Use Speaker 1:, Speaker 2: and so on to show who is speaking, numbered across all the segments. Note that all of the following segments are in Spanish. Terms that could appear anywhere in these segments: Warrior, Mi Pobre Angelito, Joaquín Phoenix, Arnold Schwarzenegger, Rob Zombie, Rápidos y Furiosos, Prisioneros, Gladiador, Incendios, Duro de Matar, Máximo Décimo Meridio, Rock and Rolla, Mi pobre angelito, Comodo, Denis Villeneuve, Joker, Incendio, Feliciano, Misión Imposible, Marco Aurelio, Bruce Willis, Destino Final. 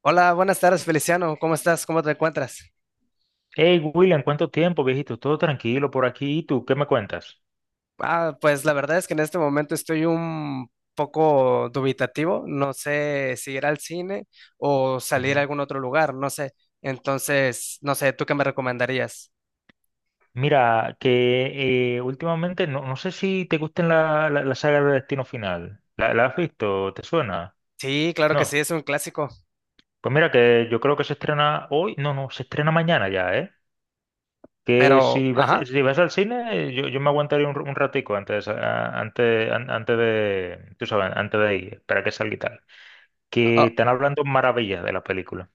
Speaker 1: Hola, buenas tardes, Feliciano. ¿Cómo estás? ¿Cómo te encuentras?
Speaker 2: Hey, William, ¿cuánto tiempo, viejito? Todo tranquilo por aquí. ¿Y tú qué me cuentas?
Speaker 1: Ah, pues la verdad es que en este momento estoy un poco dubitativo. No sé si ir al cine o salir a
Speaker 2: Ujú.
Speaker 1: algún otro lugar, no sé. Entonces, no sé, ¿tú qué me recomendarías?
Speaker 2: Mira, que últimamente no sé si te gusten la saga de Destino Final. La has visto? ¿Te suena?
Speaker 1: Sí, claro que
Speaker 2: No.
Speaker 1: sí, es un clásico,
Speaker 2: Pues mira, que yo creo que se estrena hoy. No, se estrena mañana ya, ¿eh? Que
Speaker 1: pero, ajá,
Speaker 2: si vas al cine, yo me aguantaría un ratico antes, antes de, tú sabes, antes de ir, para que salga y tal. Que
Speaker 1: ah,
Speaker 2: están hablando maravillas de la película.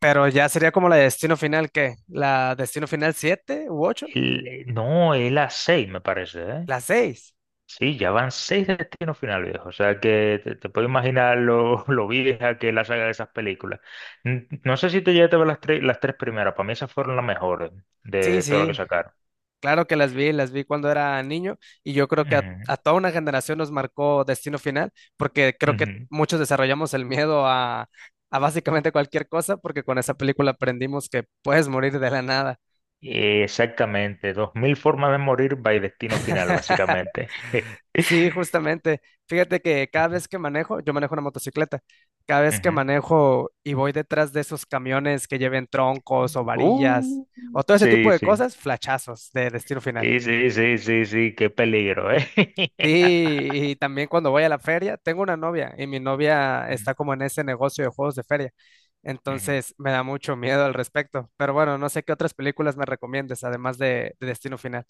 Speaker 1: pero ya sería como la de Destino Final, ¿qué? ¿La Destino Final 7 u 8.
Speaker 2: No, es las seis, me parece, ¿eh?
Speaker 1: ¿La 6.
Speaker 2: Sí, ya van seis destinos finales, viejo. O sea que te puedo imaginar lo, lo vieja que es la saga de esas películas. No sé si te llegaste a ver las tres primeras. Para mí esas fueron las mejores
Speaker 1: Sí,
Speaker 2: de todo lo que
Speaker 1: sí.
Speaker 2: sacaron.
Speaker 1: Claro que las vi cuando era niño y yo creo que a,
Speaker 2: Ujú,
Speaker 1: a toda una generación nos marcó Destino Final porque creo que
Speaker 2: ujú.
Speaker 1: muchos desarrollamos el miedo a básicamente cualquier cosa porque con esa película aprendimos que puedes morir de la nada.
Speaker 2: Exactamente. Dos mil formas de morir by destino final, básicamente.
Speaker 1: Sí, justamente. Fíjate que cada vez que manejo, yo manejo una motocicleta, cada vez que
Speaker 2: Ujú.
Speaker 1: manejo y voy detrás de esos camiones que lleven troncos o varillas
Speaker 2: Uh,
Speaker 1: o todo ese tipo
Speaker 2: sí,
Speaker 1: de
Speaker 2: sí.
Speaker 1: cosas, flachazos de Destino Final.
Speaker 2: Sí, sí, sí, sí, sí, qué peligro, ¿eh?
Speaker 1: Sí, y también cuando voy a la feria, tengo una novia y mi novia está
Speaker 2: Ujú,
Speaker 1: como en ese negocio de juegos de feria.
Speaker 2: ujú.
Speaker 1: Entonces me da mucho miedo al respecto. Pero bueno, no sé qué otras películas me recomiendes, además de Destino Final.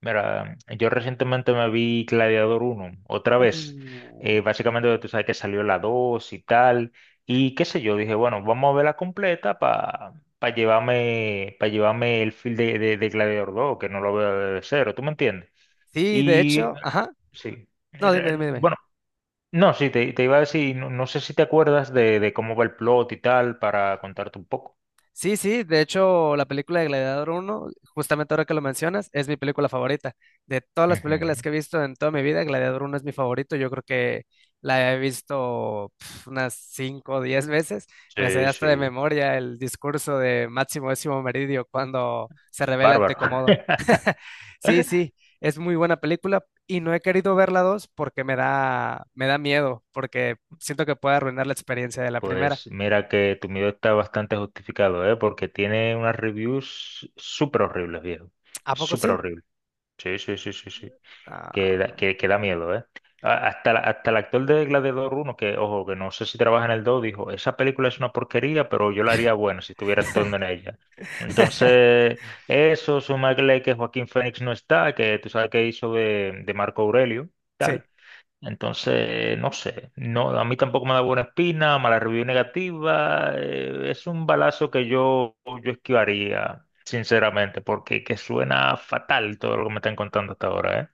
Speaker 2: Mira, yo recientemente me vi Gladiador uno otra vez.
Speaker 1: Uh,
Speaker 2: Básicamente tú sabes que salió la 2 y tal. Y qué sé yo, dije, bueno, vamos a verla completa para llevarme, pa llevarme el feel de Gladiador 2, que no lo veo de cero, ¿tú me entiendes?
Speaker 1: Sí, de
Speaker 2: Y
Speaker 1: hecho, ajá.
Speaker 2: sí,
Speaker 1: No, dime, dime, dime.
Speaker 2: bueno, no, sí, te iba a decir, no sé si te acuerdas de cómo va el plot y tal, para contarte un poco.
Speaker 1: Sí, sí, de hecho, la película de Gladiador uno, justamente ahora que lo mencionas, es mi película favorita. De todas las películas
Speaker 2: Ujú.
Speaker 1: que he visto en toda mi vida, Gladiador uno es mi favorito. Yo creo que la he visto pf, unas 5 o 10 veces. Me sé
Speaker 2: Sí,
Speaker 1: hasta de
Speaker 2: sí,
Speaker 1: memoria el discurso de Máximo Décimo Meridio cuando se revela ante
Speaker 2: bárbaro.
Speaker 1: Comodo. Sí, sí, es muy buena película y no he querido ver la 2 porque me da miedo, porque siento que puede arruinar la experiencia de la primera.
Speaker 2: Pues mira que tu miedo está bastante justificado, ¿eh? Porque tiene unas reviews súper horribles, viejo.
Speaker 1: ¿A poco
Speaker 2: Súper
Speaker 1: sí?
Speaker 2: horribles. Sí, sí, sí, sí, sí. Que da,
Speaker 1: Ah,
Speaker 2: que da miedo, ¿eh? Hasta, hasta el actor de Gladiador 1, que, ojo, que no sé si trabaja en el 2, dijo, esa película es una porquería, pero yo la haría buena si estuviera actuando en ella. Entonces, eso, sumarle que Joaquín Phoenix no está, que tú sabes que hizo de Marco Aurelio.
Speaker 1: sí.
Speaker 2: Tal. Entonces, no sé, no, a mí tampoco me da buena espina, mala review negativa, es un balazo que yo esquivaría, sinceramente, porque que suena fatal todo lo que me están contando hasta ahora, ¿eh?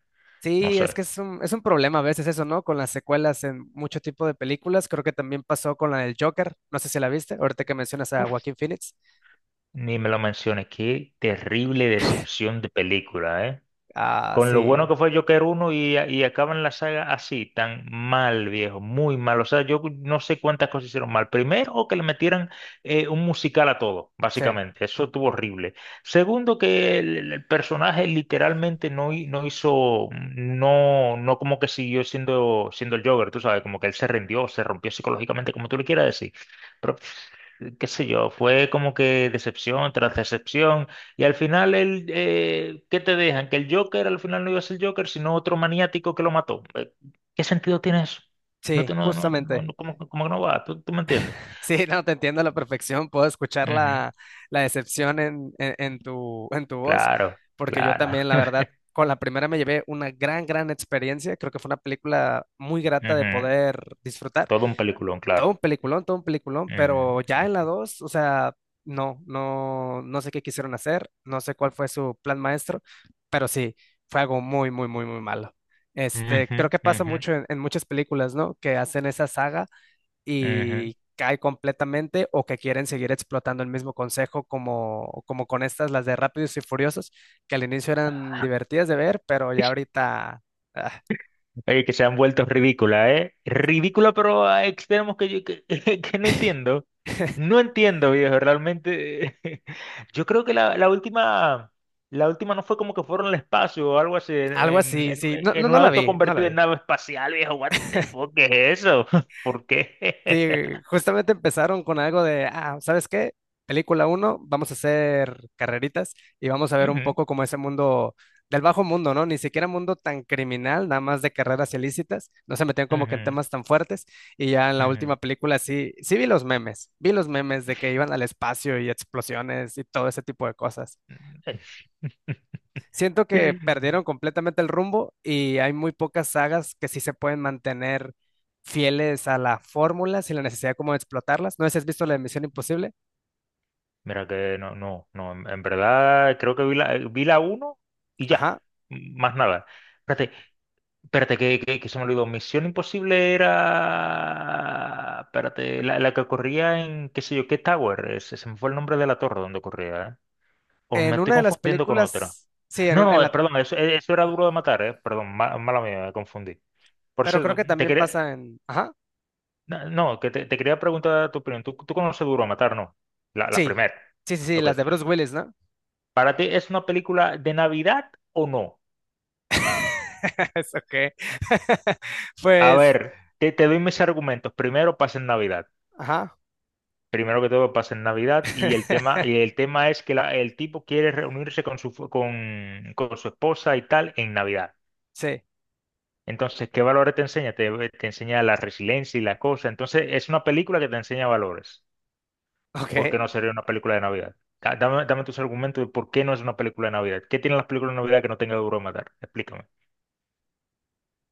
Speaker 2: No
Speaker 1: Sí, es
Speaker 2: sé,
Speaker 1: que es un problema a veces eso, ¿no? Con las secuelas en mucho tipo de películas. Creo que también pasó con la del Joker. No sé si la viste, ahorita que mencionas a
Speaker 2: uf,
Speaker 1: Joaquín Phoenix.
Speaker 2: ni me lo menciones, qué terrible decepción de película, ¿eh?
Speaker 1: Ah,
Speaker 2: Con lo bueno
Speaker 1: sí,
Speaker 2: que fue Joker uno y acaban la saga así, tan mal, viejo, muy mal. O sea, yo no sé cuántas cosas hicieron mal. Primero, que le metieran un musical a todo,
Speaker 1: sí,
Speaker 2: básicamente. Eso estuvo horrible. Segundo, que el personaje literalmente no, no hizo, no como que siguió siendo el Joker, tú sabes, como que él se rindió, se rompió psicológicamente, como tú le quieras decir qué sé yo, fue como que decepción tras decepción, y al final el, ¿qué te dejan? Que el Joker al final no iba a ser Joker, sino otro maniático que lo mató. ¿Qué sentido tiene eso? No,
Speaker 1: sí,
Speaker 2: no, no, no,
Speaker 1: justamente.
Speaker 2: no, como, como que no va, tú me entiendes?
Speaker 1: Sí, no, te entiendo a la perfección. Puedo escuchar
Speaker 2: Ujú,
Speaker 1: la, la decepción en tu voz,
Speaker 2: claro,
Speaker 1: porque yo
Speaker 2: claro.
Speaker 1: también, la verdad, con la primera me llevé una gran, gran experiencia. Creo que fue una película muy grata de
Speaker 2: Ujú,
Speaker 1: poder disfrutar.
Speaker 2: todo un peliculón,
Speaker 1: Todo
Speaker 2: claro.
Speaker 1: un peliculón, todo un peliculón, pero ya en la 2 o sea, no, no, no sé qué quisieron hacer, no sé cuál fue su plan maestro, pero sí, fue algo muy, muy, muy, muy malo.
Speaker 2: Ujú,
Speaker 1: Este, creo
Speaker 2: ujú,
Speaker 1: que pasa
Speaker 2: ujú,
Speaker 1: mucho en muchas películas, ¿no? Que hacen esa saga
Speaker 2: ujú.
Speaker 1: y cae completamente o que quieren seguir explotando el mismo consejo como, como con estas, las de Rápidos y Furiosos, que al inicio eran divertidas de ver, pero ya ahorita... ah,
Speaker 2: Oye, que se han vuelto ridículas, ¿eh? Ridícula, pero a extremos que yo que, que no entiendo. No entiendo, viejo, realmente. Yo creo que la última no fue como que fueron al espacio o algo así,
Speaker 1: algo
Speaker 2: en,
Speaker 1: así, sí, no,
Speaker 2: en
Speaker 1: no,
Speaker 2: un
Speaker 1: no la
Speaker 2: auto
Speaker 1: vi, no la
Speaker 2: convertido en
Speaker 1: vi.
Speaker 2: nave espacial, viejo. What the fuck, ¿qué es eso? ¿Por qué?
Speaker 1: Sí, justamente empezaron con algo de, ah, ¿sabes qué? Película uno, vamos a hacer carreritas y vamos a ver un
Speaker 2: Ujú,
Speaker 1: poco como ese mundo del bajo mundo, ¿no? Ni siquiera mundo tan criminal, nada más de carreras ilícitas, no se metían como que en
Speaker 2: ujú,
Speaker 1: temas tan fuertes y ya en la
Speaker 2: ujú.
Speaker 1: última película sí, sí vi los memes de que iban al espacio y explosiones y todo ese tipo de cosas. Siento que perdieron completamente el rumbo y hay muy pocas sagas que sí se pueden mantener fieles a la fórmula sin la necesidad como de explotarlas. No sé si has visto la de Misión Imposible.
Speaker 2: Mira que no, no, no, en verdad creo que vi la uno y ya,
Speaker 1: Ajá.
Speaker 2: más nada. Espérate, espérate, que se me olvidó. Misión Imposible era. Espérate, la que corría en qué sé yo, qué Tower. Se me fue el nombre de la torre donde corría, ¿eh? O me
Speaker 1: En
Speaker 2: estoy
Speaker 1: una de las
Speaker 2: confundiendo con otra.
Speaker 1: películas, sí, en,
Speaker 2: No,
Speaker 1: un- en
Speaker 2: no,
Speaker 1: la,
Speaker 2: perdón, eso, eso era duro de matar, ¿eh? Perdón, mala mía, me confundí. Por
Speaker 1: pero creo
Speaker 2: cierto,
Speaker 1: que
Speaker 2: te
Speaker 1: también
Speaker 2: quería.
Speaker 1: pasa en, ajá,
Speaker 2: No, no, que te quería preguntar tu opinión. Tú conoces Duro de Matar, no? La
Speaker 1: sí,
Speaker 2: primera.
Speaker 1: sí, sí, sí,
Speaker 2: Ok.
Speaker 1: las de Bruce Willis, ¿no?
Speaker 2: ¿Para ti es una película de Navidad o no?
Speaker 1: Es OK.
Speaker 2: A
Speaker 1: Pues,
Speaker 2: ver, te doy mis argumentos. Primero, pasa en Navidad.
Speaker 1: ajá.
Speaker 2: Primero que todo pasa en Navidad y el tema es que el tipo quiere reunirse con su, con su esposa y tal en Navidad.
Speaker 1: Sí,
Speaker 2: Entonces, ¿qué valores te enseña? Te enseña la resiliencia y la cosa. Entonces, es una película que te enseña valores.
Speaker 1: ok.
Speaker 2: ¿Por qué no sería una película de Navidad? Dame, dame tus argumentos de por qué no es una película de Navidad. ¿Qué tienen las películas de Navidad que no tenga duro de matar? Explícame.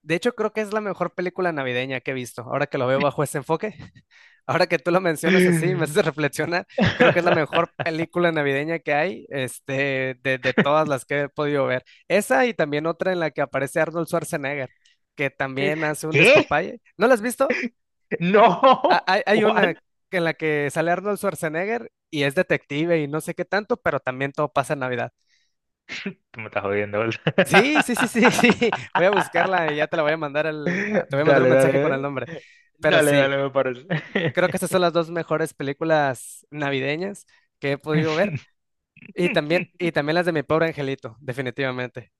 Speaker 1: De hecho, creo que es la mejor película navideña que he visto, ahora que lo veo bajo ese enfoque. Ahora que tú lo mencionas así, me hace reflexionar, creo que es la mejor película navideña que hay, este, de todas las que he podido ver. Esa y también otra en la que aparece Arnold Schwarzenegger, que también hace un
Speaker 2: ¿Qué?
Speaker 1: despapalle. ¿No la has visto? Ah,
Speaker 2: No.
Speaker 1: hay una
Speaker 2: ¿Cuál?
Speaker 1: en la que sale Arnold Schwarzenegger y es detective y no sé qué tanto, pero también todo pasa en Navidad.
Speaker 2: Tú me estás jodiendo,
Speaker 1: Sí,
Speaker 2: ¿verdad?
Speaker 1: sí, sí, sí, sí. Voy a buscarla y ya te la voy a mandar el, te voy a mandar un
Speaker 2: Dale,
Speaker 1: mensaje con el
Speaker 2: dale,
Speaker 1: nombre. Pero
Speaker 2: dale,
Speaker 1: sí,
Speaker 2: dale, me parece.
Speaker 1: creo que esas son las dos mejores películas navideñas que he podido ver. Y también las de Mi Pobre Angelito, definitivamente.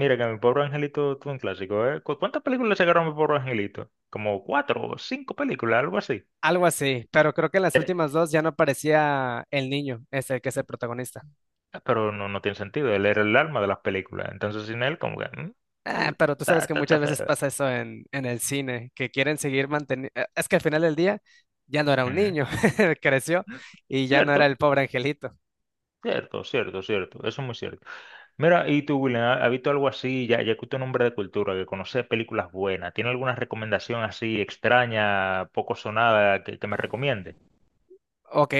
Speaker 2: Mira que mi pobre angelito tuvo un clásico, ¿eh? Cuántas películas sacaron mi pobre angelito? Como cuatro o cinco películas, algo así.
Speaker 1: Algo así, pero creo que en las últimas dos ya no aparecía el niño, ese que es el protagonista.
Speaker 2: Ah, pero no, no tiene sentido, él era el alma de las películas. Entonces sin él, como que... mm,
Speaker 1: Ah,
Speaker 2: él-
Speaker 1: pero tú
Speaker 2: está,
Speaker 1: sabes que
Speaker 2: está, está
Speaker 1: muchas veces
Speaker 2: feo.
Speaker 1: pasa eso en el cine, que quieren seguir manteniendo... Es que al final del día ya no era un
Speaker 2: Ujú.
Speaker 1: niño, creció
Speaker 2: Mm,
Speaker 1: y ya no era el
Speaker 2: cierto,
Speaker 1: pobre angelito.
Speaker 2: cierto, cierto, cierto. Eso es muy cierto. Mira, y tú, William, has visto algo así? Ya que tu nombre de cultura, que conoce películas buenas, ¿tiene alguna recomendación así extraña, poco sonada, que me recomiende?
Speaker 1: Ok,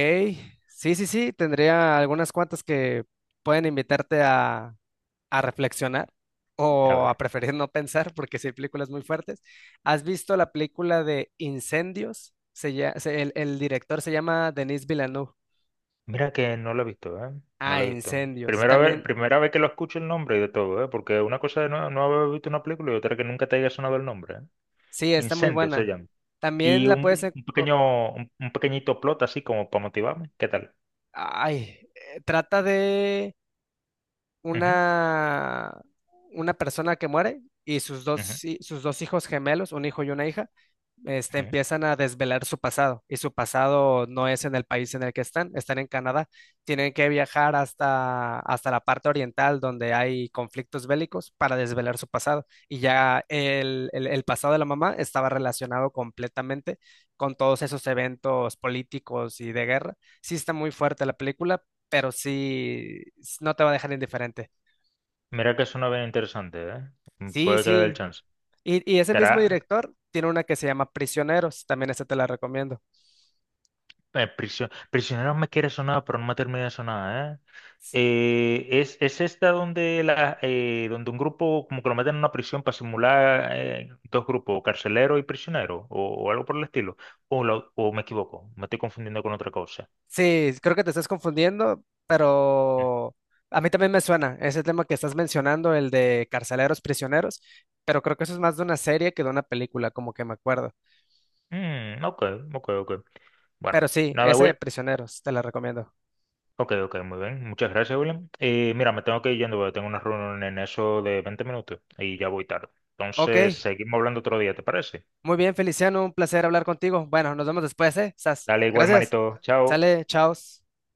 Speaker 1: sí, sí, sí, tendría algunas cuantas que pueden invitarte a reflexionar
Speaker 2: A
Speaker 1: o a
Speaker 2: ver,
Speaker 1: preferir no pensar porque sí hay películas muy fuertes. ¿Has visto la película de Incendios? Se lla- se- el director se llama Denis Villeneuve.
Speaker 2: mira que no lo he visto, ¿eh? No
Speaker 1: Ah,
Speaker 2: lo he visto.
Speaker 1: Incendios. También,
Speaker 2: Primera vez que lo escucho el nombre y de todo, ¿eh? Porque una cosa es no, no haber visto una película y otra que nunca te haya sonado el nombre, ¿eh?
Speaker 1: sí, está muy
Speaker 2: Incendio se
Speaker 1: buena.
Speaker 2: llama.
Speaker 1: También
Speaker 2: Y
Speaker 1: la puedes... en-
Speaker 2: un
Speaker 1: o-
Speaker 2: pequeño, un pequeñito plot así como para motivarme. ¿Qué tal?
Speaker 1: ay, trata de...
Speaker 2: Ujú,
Speaker 1: una, una persona que muere y sus dos,
Speaker 2: ujú,
Speaker 1: sus dos hijos gemelos, un hijo y una hija, este,
Speaker 2: ujú.
Speaker 1: empiezan a desvelar su pasado y su pasado no es en el país en el que están, están en Canadá, tienen que viajar hasta, hasta la parte oriental donde hay conflictos bélicos para desvelar su pasado y ya el, el pasado de la mamá estaba relacionado completamente con todos esos eventos políticos y de guerra. Sí está muy fuerte la película, pero sí s- no te va a dejar indiferente.
Speaker 2: Mira que suena bien interesante, ¿eh? Mm,
Speaker 1: Sí,
Speaker 2: puede que le dé el
Speaker 1: sí.
Speaker 2: chance.
Speaker 1: Y ese mismo
Speaker 2: ¿Estará,
Speaker 1: director tiene una que se llama Prisioneros, también esa te la recomiendo.
Speaker 2: Prisioneros me quiere sonar, pero no me termina de sonar, ¿eh? Es esta donde, la, donde un grupo como que lo meten en una prisión para simular dos grupos, carcelero y prisionero, o algo por el estilo. O, o me equivoco, me estoy confundiendo con otra cosa.
Speaker 1: Sí, creo que te estás confundiendo, pero a mí también me suena ese tema que estás mencionando, el de carceleros prisioneros, pero creo que eso es más de una serie que de una película, como que me acuerdo.
Speaker 2: Mm, ok, ok, ok. Bueno,
Speaker 1: Pero sí,
Speaker 2: nada,
Speaker 1: ese de
Speaker 2: Will.
Speaker 1: Prisioneros, te la recomiendo.
Speaker 2: Ok, ok, muy bien. Muchas gracias, William. Mira, me tengo que ir yendo, porque tengo una reunión en eso de 20 minutos y ya voy tarde. Entonces,
Speaker 1: Ok,
Speaker 2: seguimos hablando otro día, ¿te parece?
Speaker 1: muy bien, Feliciano, un placer hablar contigo. Bueno, nos vemos después, ¿eh? Sas.
Speaker 2: Dale igual,
Speaker 1: Gracias.
Speaker 2: manito. Chao.
Speaker 1: Sale, chao.